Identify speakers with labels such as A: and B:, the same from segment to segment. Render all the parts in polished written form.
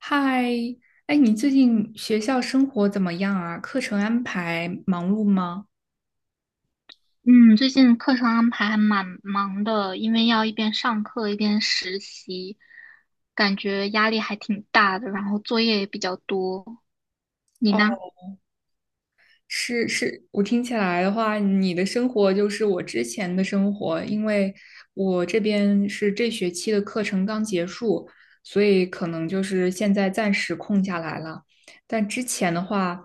A: 嗨，哎，你最近学校生活怎么样啊？课程安排忙碌吗？
B: 嗯，最近课程安排还蛮忙的，因为要一边上课一边实习，感觉压力还挺大的，然后作业也比较多。你呢？
A: 是是，我听起来的话，你的生活就是我之前的生活，因为我这边是这学期的课程刚结束，所以可能就是现在暂时空下来了。但之前的话，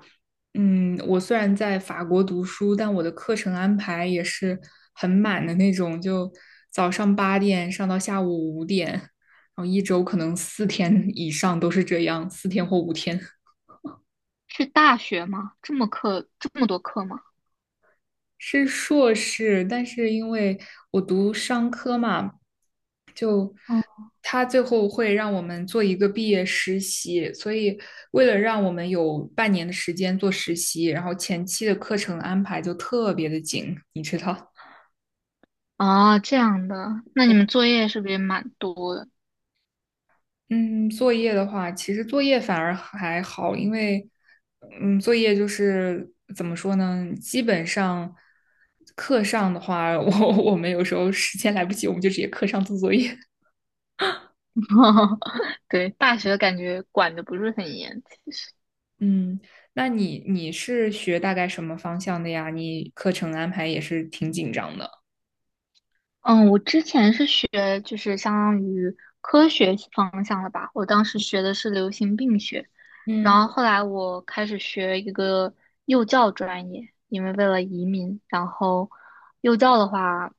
A: 我虽然在法国读书，但我的课程安排也是很满的那种，就早上8点上到下午5点，然后一周可能四天以上都是这样，四天或5天。
B: 是大学吗？这么课，这么多课吗？
A: 是硕士，但是因为我读商科嘛，就
B: 哦，
A: 他最后会让我们做一个毕业实习，所以为了让我们有半年的时间做实习，然后前期的课程安排就特别的紧，你知道。
B: 哦,这样的，那你们作业是不是也蛮多的？
A: 嗯，作业的话，其实作业反而还好，因为，作业就是怎么说呢？基本上课上的话，我们有时候时间来不及，我们就直接课上做作业。
B: 对，大学感觉管的不是很严，其实。
A: 嗯，那你是学大概什么方向的呀？你课程安排也是挺紧张的。
B: 嗯，我之前是学就是相当于科学方向的吧，我当时学的是流行病学，然
A: 嗯。
B: 后后来我开始学一个幼教专业，因为为了移民，然后幼教的话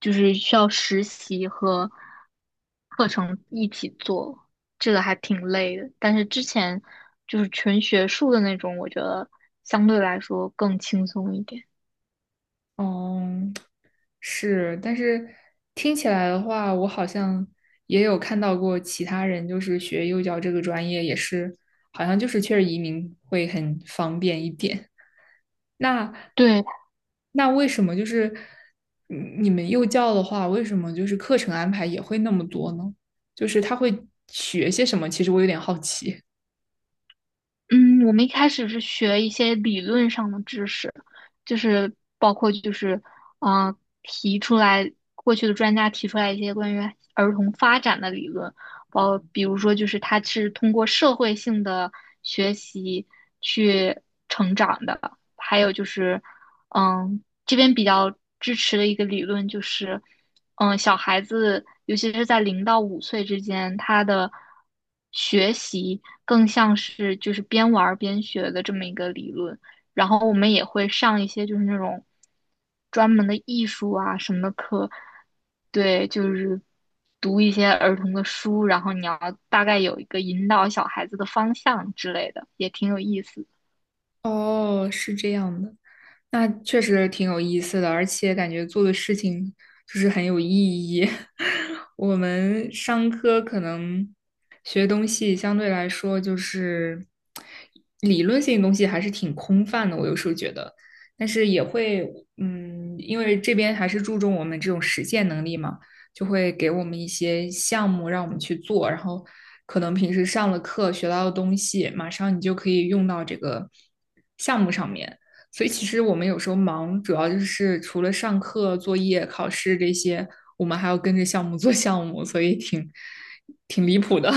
B: 就是需要实习和课程一起做，这个还挺累的。但是之前就是纯学术的那种，我觉得相对来说更轻松一点。
A: 哦，是，但是听起来的话，我好像也有看到过其他人，就是学幼教这个专业，也是好像就是确实移民会很方便一点。那
B: 对，
A: 为什么就是你们幼教的话，为什么就是课程安排也会那么多呢？就是他会学些什么？其实我有点好奇。
B: 嗯，我们一开始是学一些理论上的知识，就是包括就是，嗯、提出来过去的专家提出来一些关于儿童发展的理论，包比如说就是他是通过社会性的学习去成长的，还有就是。嗯，这边比较支持的一个理论就是，嗯，小孩子，尤其是在0到5岁之间，他的学习更像是就是边玩儿边学的这么一个理论。然后我们也会上一些就是那种专门的艺术啊什么的课，对，就是读一些儿童的书，然后你要大概有一个引导小孩子的方向之类的，也挺有意思。
A: 哦，是这样的。那确实挺有意思的，而且感觉做的事情就是很有意义。我们商科可能学东西相对来说就是理论性的东西还是挺空泛的，我有时候觉得，但是也会，嗯，因为这边还是注重我们这种实践能力嘛，就会给我们一些项目让我们去做，然后可能平时上了课学到的东西，马上你就可以用到这个项目上面。所以其实我们有时候忙，主要就是除了上课、作业、考试这些，我们还要跟着项目做项目，所以挺离谱的。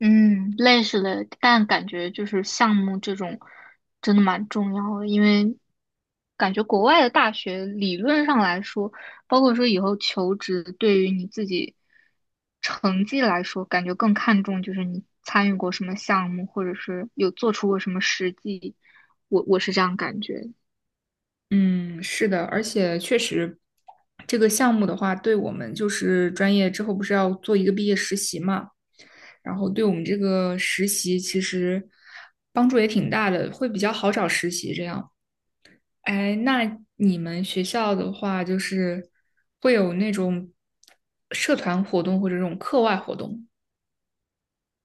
B: 嗯，类似的，但感觉就是项目这种真的蛮重要的，因为感觉国外的大学理论上来说，包括说以后求职，对于你自己成绩来说，感觉更看重就是你参与过什么项目，或者是有做出过什么实际，我是这样感觉。
A: 嗯，是的，而且确实，这个项目的话，对我们就是专业之后不是要做一个毕业实习嘛，然后对我们这个实习其实帮助也挺大的，会比较好找实习这样。哎，那你们学校的话，就是会有那种社团活动或者这种课外活动？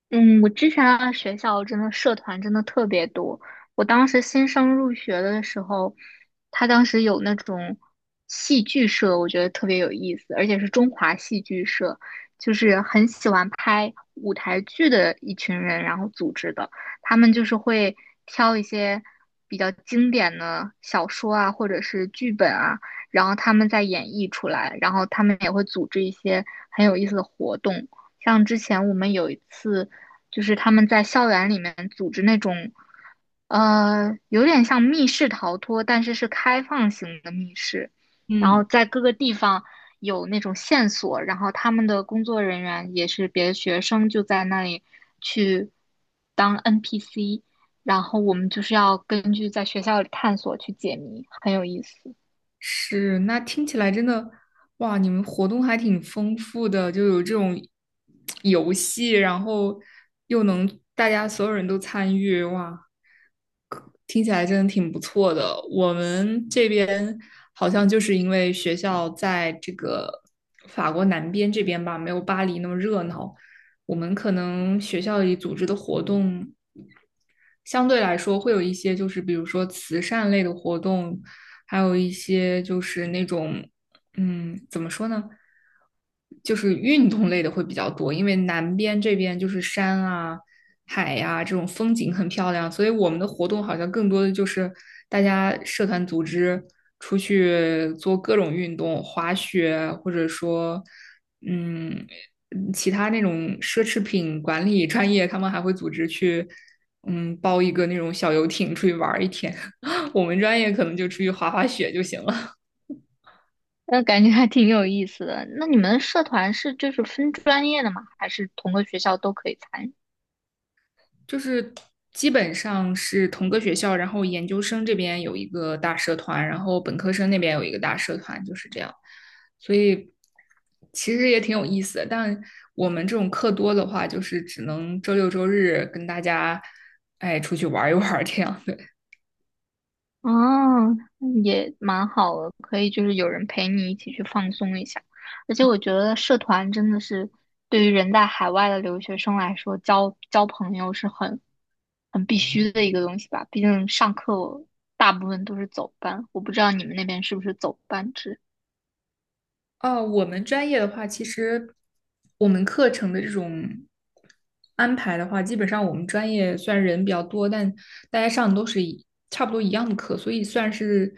B: 嗯，我之前的学校真的社团真的特别多。我当时新生入学的时候，他当时有那种戏剧社，我觉得特别有意思，而且是中华戏剧社，就是很喜欢拍舞台剧的一群人，然后组织的。他们就是会挑一些比较经典的小说啊，或者是剧本啊，然后他们在演绎出来，然后他们也会组织一些很有意思的活动。像之前我们有一次就是他们在校园里面组织那种，有点像密室逃脱，但是是开放型的密室，然后
A: 嗯，
B: 在各个地方有那种线索，然后他们的工作人员也是别的学生，就在那里去当 NPC,然后我们就是要根据在学校里探索去解谜，很有意思。
A: 是，那听起来真的，哇，你们活动还挺丰富的，就有这种游戏，然后又能大家所有人都参与，哇，听起来真的挺不错的。我们这边好像就是因为学校在这个法国南边这边吧，没有巴黎那么热闹，我们可能学校里组织的活动相对来说会有一些就是比如说慈善类的活动，还有一些就是那种怎么说呢，就是运动类的会比较多，因为南边这边就是山啊、海呀、这种风景很漂亮，所以我们的活动好像更多的就是大家社团组织出去做各种运动，滑雪或者说嗯其他那种奢侈品管理专业，他们还会组织去。嗯，包一个那种小游艇出去玩一天。我们专业可能就出去滑滑雪就行了。
B: 那感觉还挺有意思的。那你们社团是就是分专业的吗？还是同个学校都可以参与？
A: 就是基本上是同个学校，然后研究生这边有一个大社团，然后本科生那边有一个大社团，就是这样。所以其实也挺有意思的。但我们这种课多的话，就是只能周六周日跟大家哎出去玩一玩这样的。
B: 哦，也蛮好的，可以就是有人陪你一起去放松一下。而且我觉得社团真的是对于人在海外的留学生来说，交交朋友是很很必须的一个东西吧。毕竟上课大部分都是走班，我不知道你们那边是不是走班制。
A: 哦，我们专业的话，其实我们课程的这种安排的话，基本上我们专业虽然人比较多，但大家上的都是一差不多一样的课，所以虽然是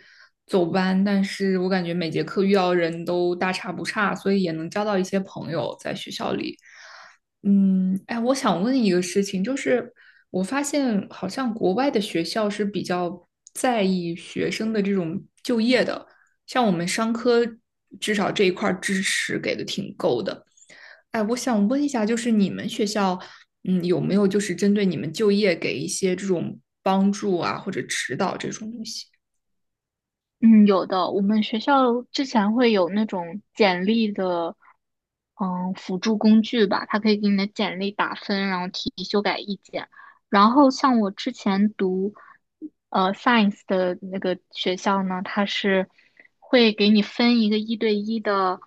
A: 走班，但是我感觉每节课遇到的人都大差不差，所以也能交到一些朋友在学校里。嗯，哎，我想问一个事情，就是我发现好像国外的学校是比较在意学生的这种就业的，像我们商科至少这一块儿支持给的挺够的。哎，我想问一下，就是你们学校，嗯，有没有就是针对你们就业给一些这种帮助啊，或者指导这种东西？
B: 嗯，有的。我们学校之前会有那种简历的，嗯，辅助工具吧，它可以给你的简历打分，然后提修改意见。然后像我之前读，science 的那个学校呢，它是会给你分一个一对一的，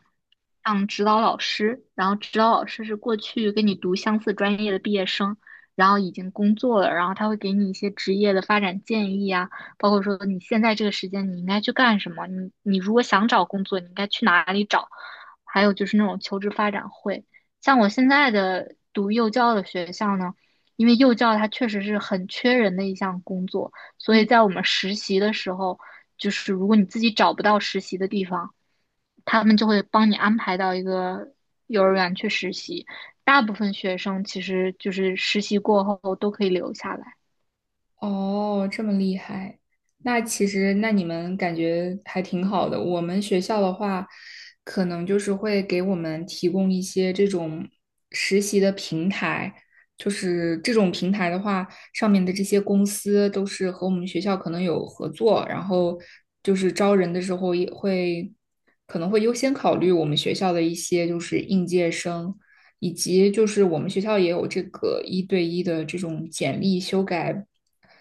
B: 像指导老师，然后指导老师是过去跟你读相似专业的毕业生，然后已经工作了，然后他会给你一些职业的发展建议啊。包括说你现在这个时间你应该去干什么，你如果想找工作，你应该去哪里找，还有就是那种求职发展会。像我现在的读幼教的学校呢，因为幼教它确实是很缺人的一项工作，所以
A: 嗯。
B: 在我们实习的时候，就是如果你自己找不到实习的地方，他们就会帮你安排到一个幼儿园去实习。大部分学生其实就是实习过后都可以留下来。
A: 哦，这么厉害，那其实那你们感觉还挺好的。我们学校的话，可能就是会给我们提供一些这种实习的平台，就是这种平台的话，上面的这些公司都是和我们学校可能有合作，然后就是招人的时候也会可能会优先考虑我们学校的一些就是应届生。以及就是我们学校也有这个一对一的这种简历修改，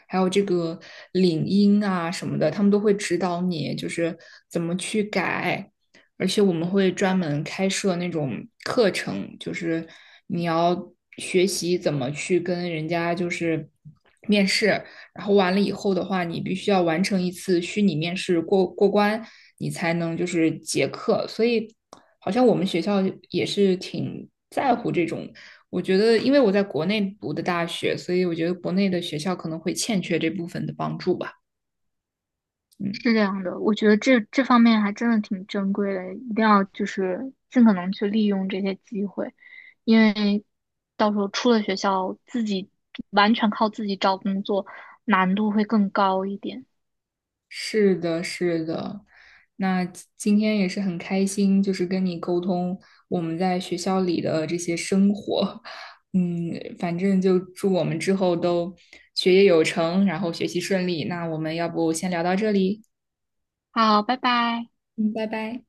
A: 还有这个领英啊什么的，他们都会指导你就是怎么去改，而且我们会专门开设那种课程，就是你要学习怎么去跟人家就是面试，然后完了以后的话，你必须要完成一次虚拟面试过关，你才能就是结课，所以。好像我们学校也是挺在乎这种。我觉得，因为我在国内读的大学，所以我觉得国内的学校可能会欠缺这部分的帮助吧。嗯，
B: 是这样的，我觉得这方面还真的挺珍贵的，一定要就是尽可能去利用这些机会，因为到时候出了学校，自己完全靠自己找工作，难度会更高一点。
A: 是的，是的。那今天也是很开心，就是跟你沟通我们在学校里的这些生活。嗯，反正就祝我们之后都学业有成，然后学习顺利。那我们要不先聊到这里？
B: 好，拜拜。
A: 嗯，拜拜。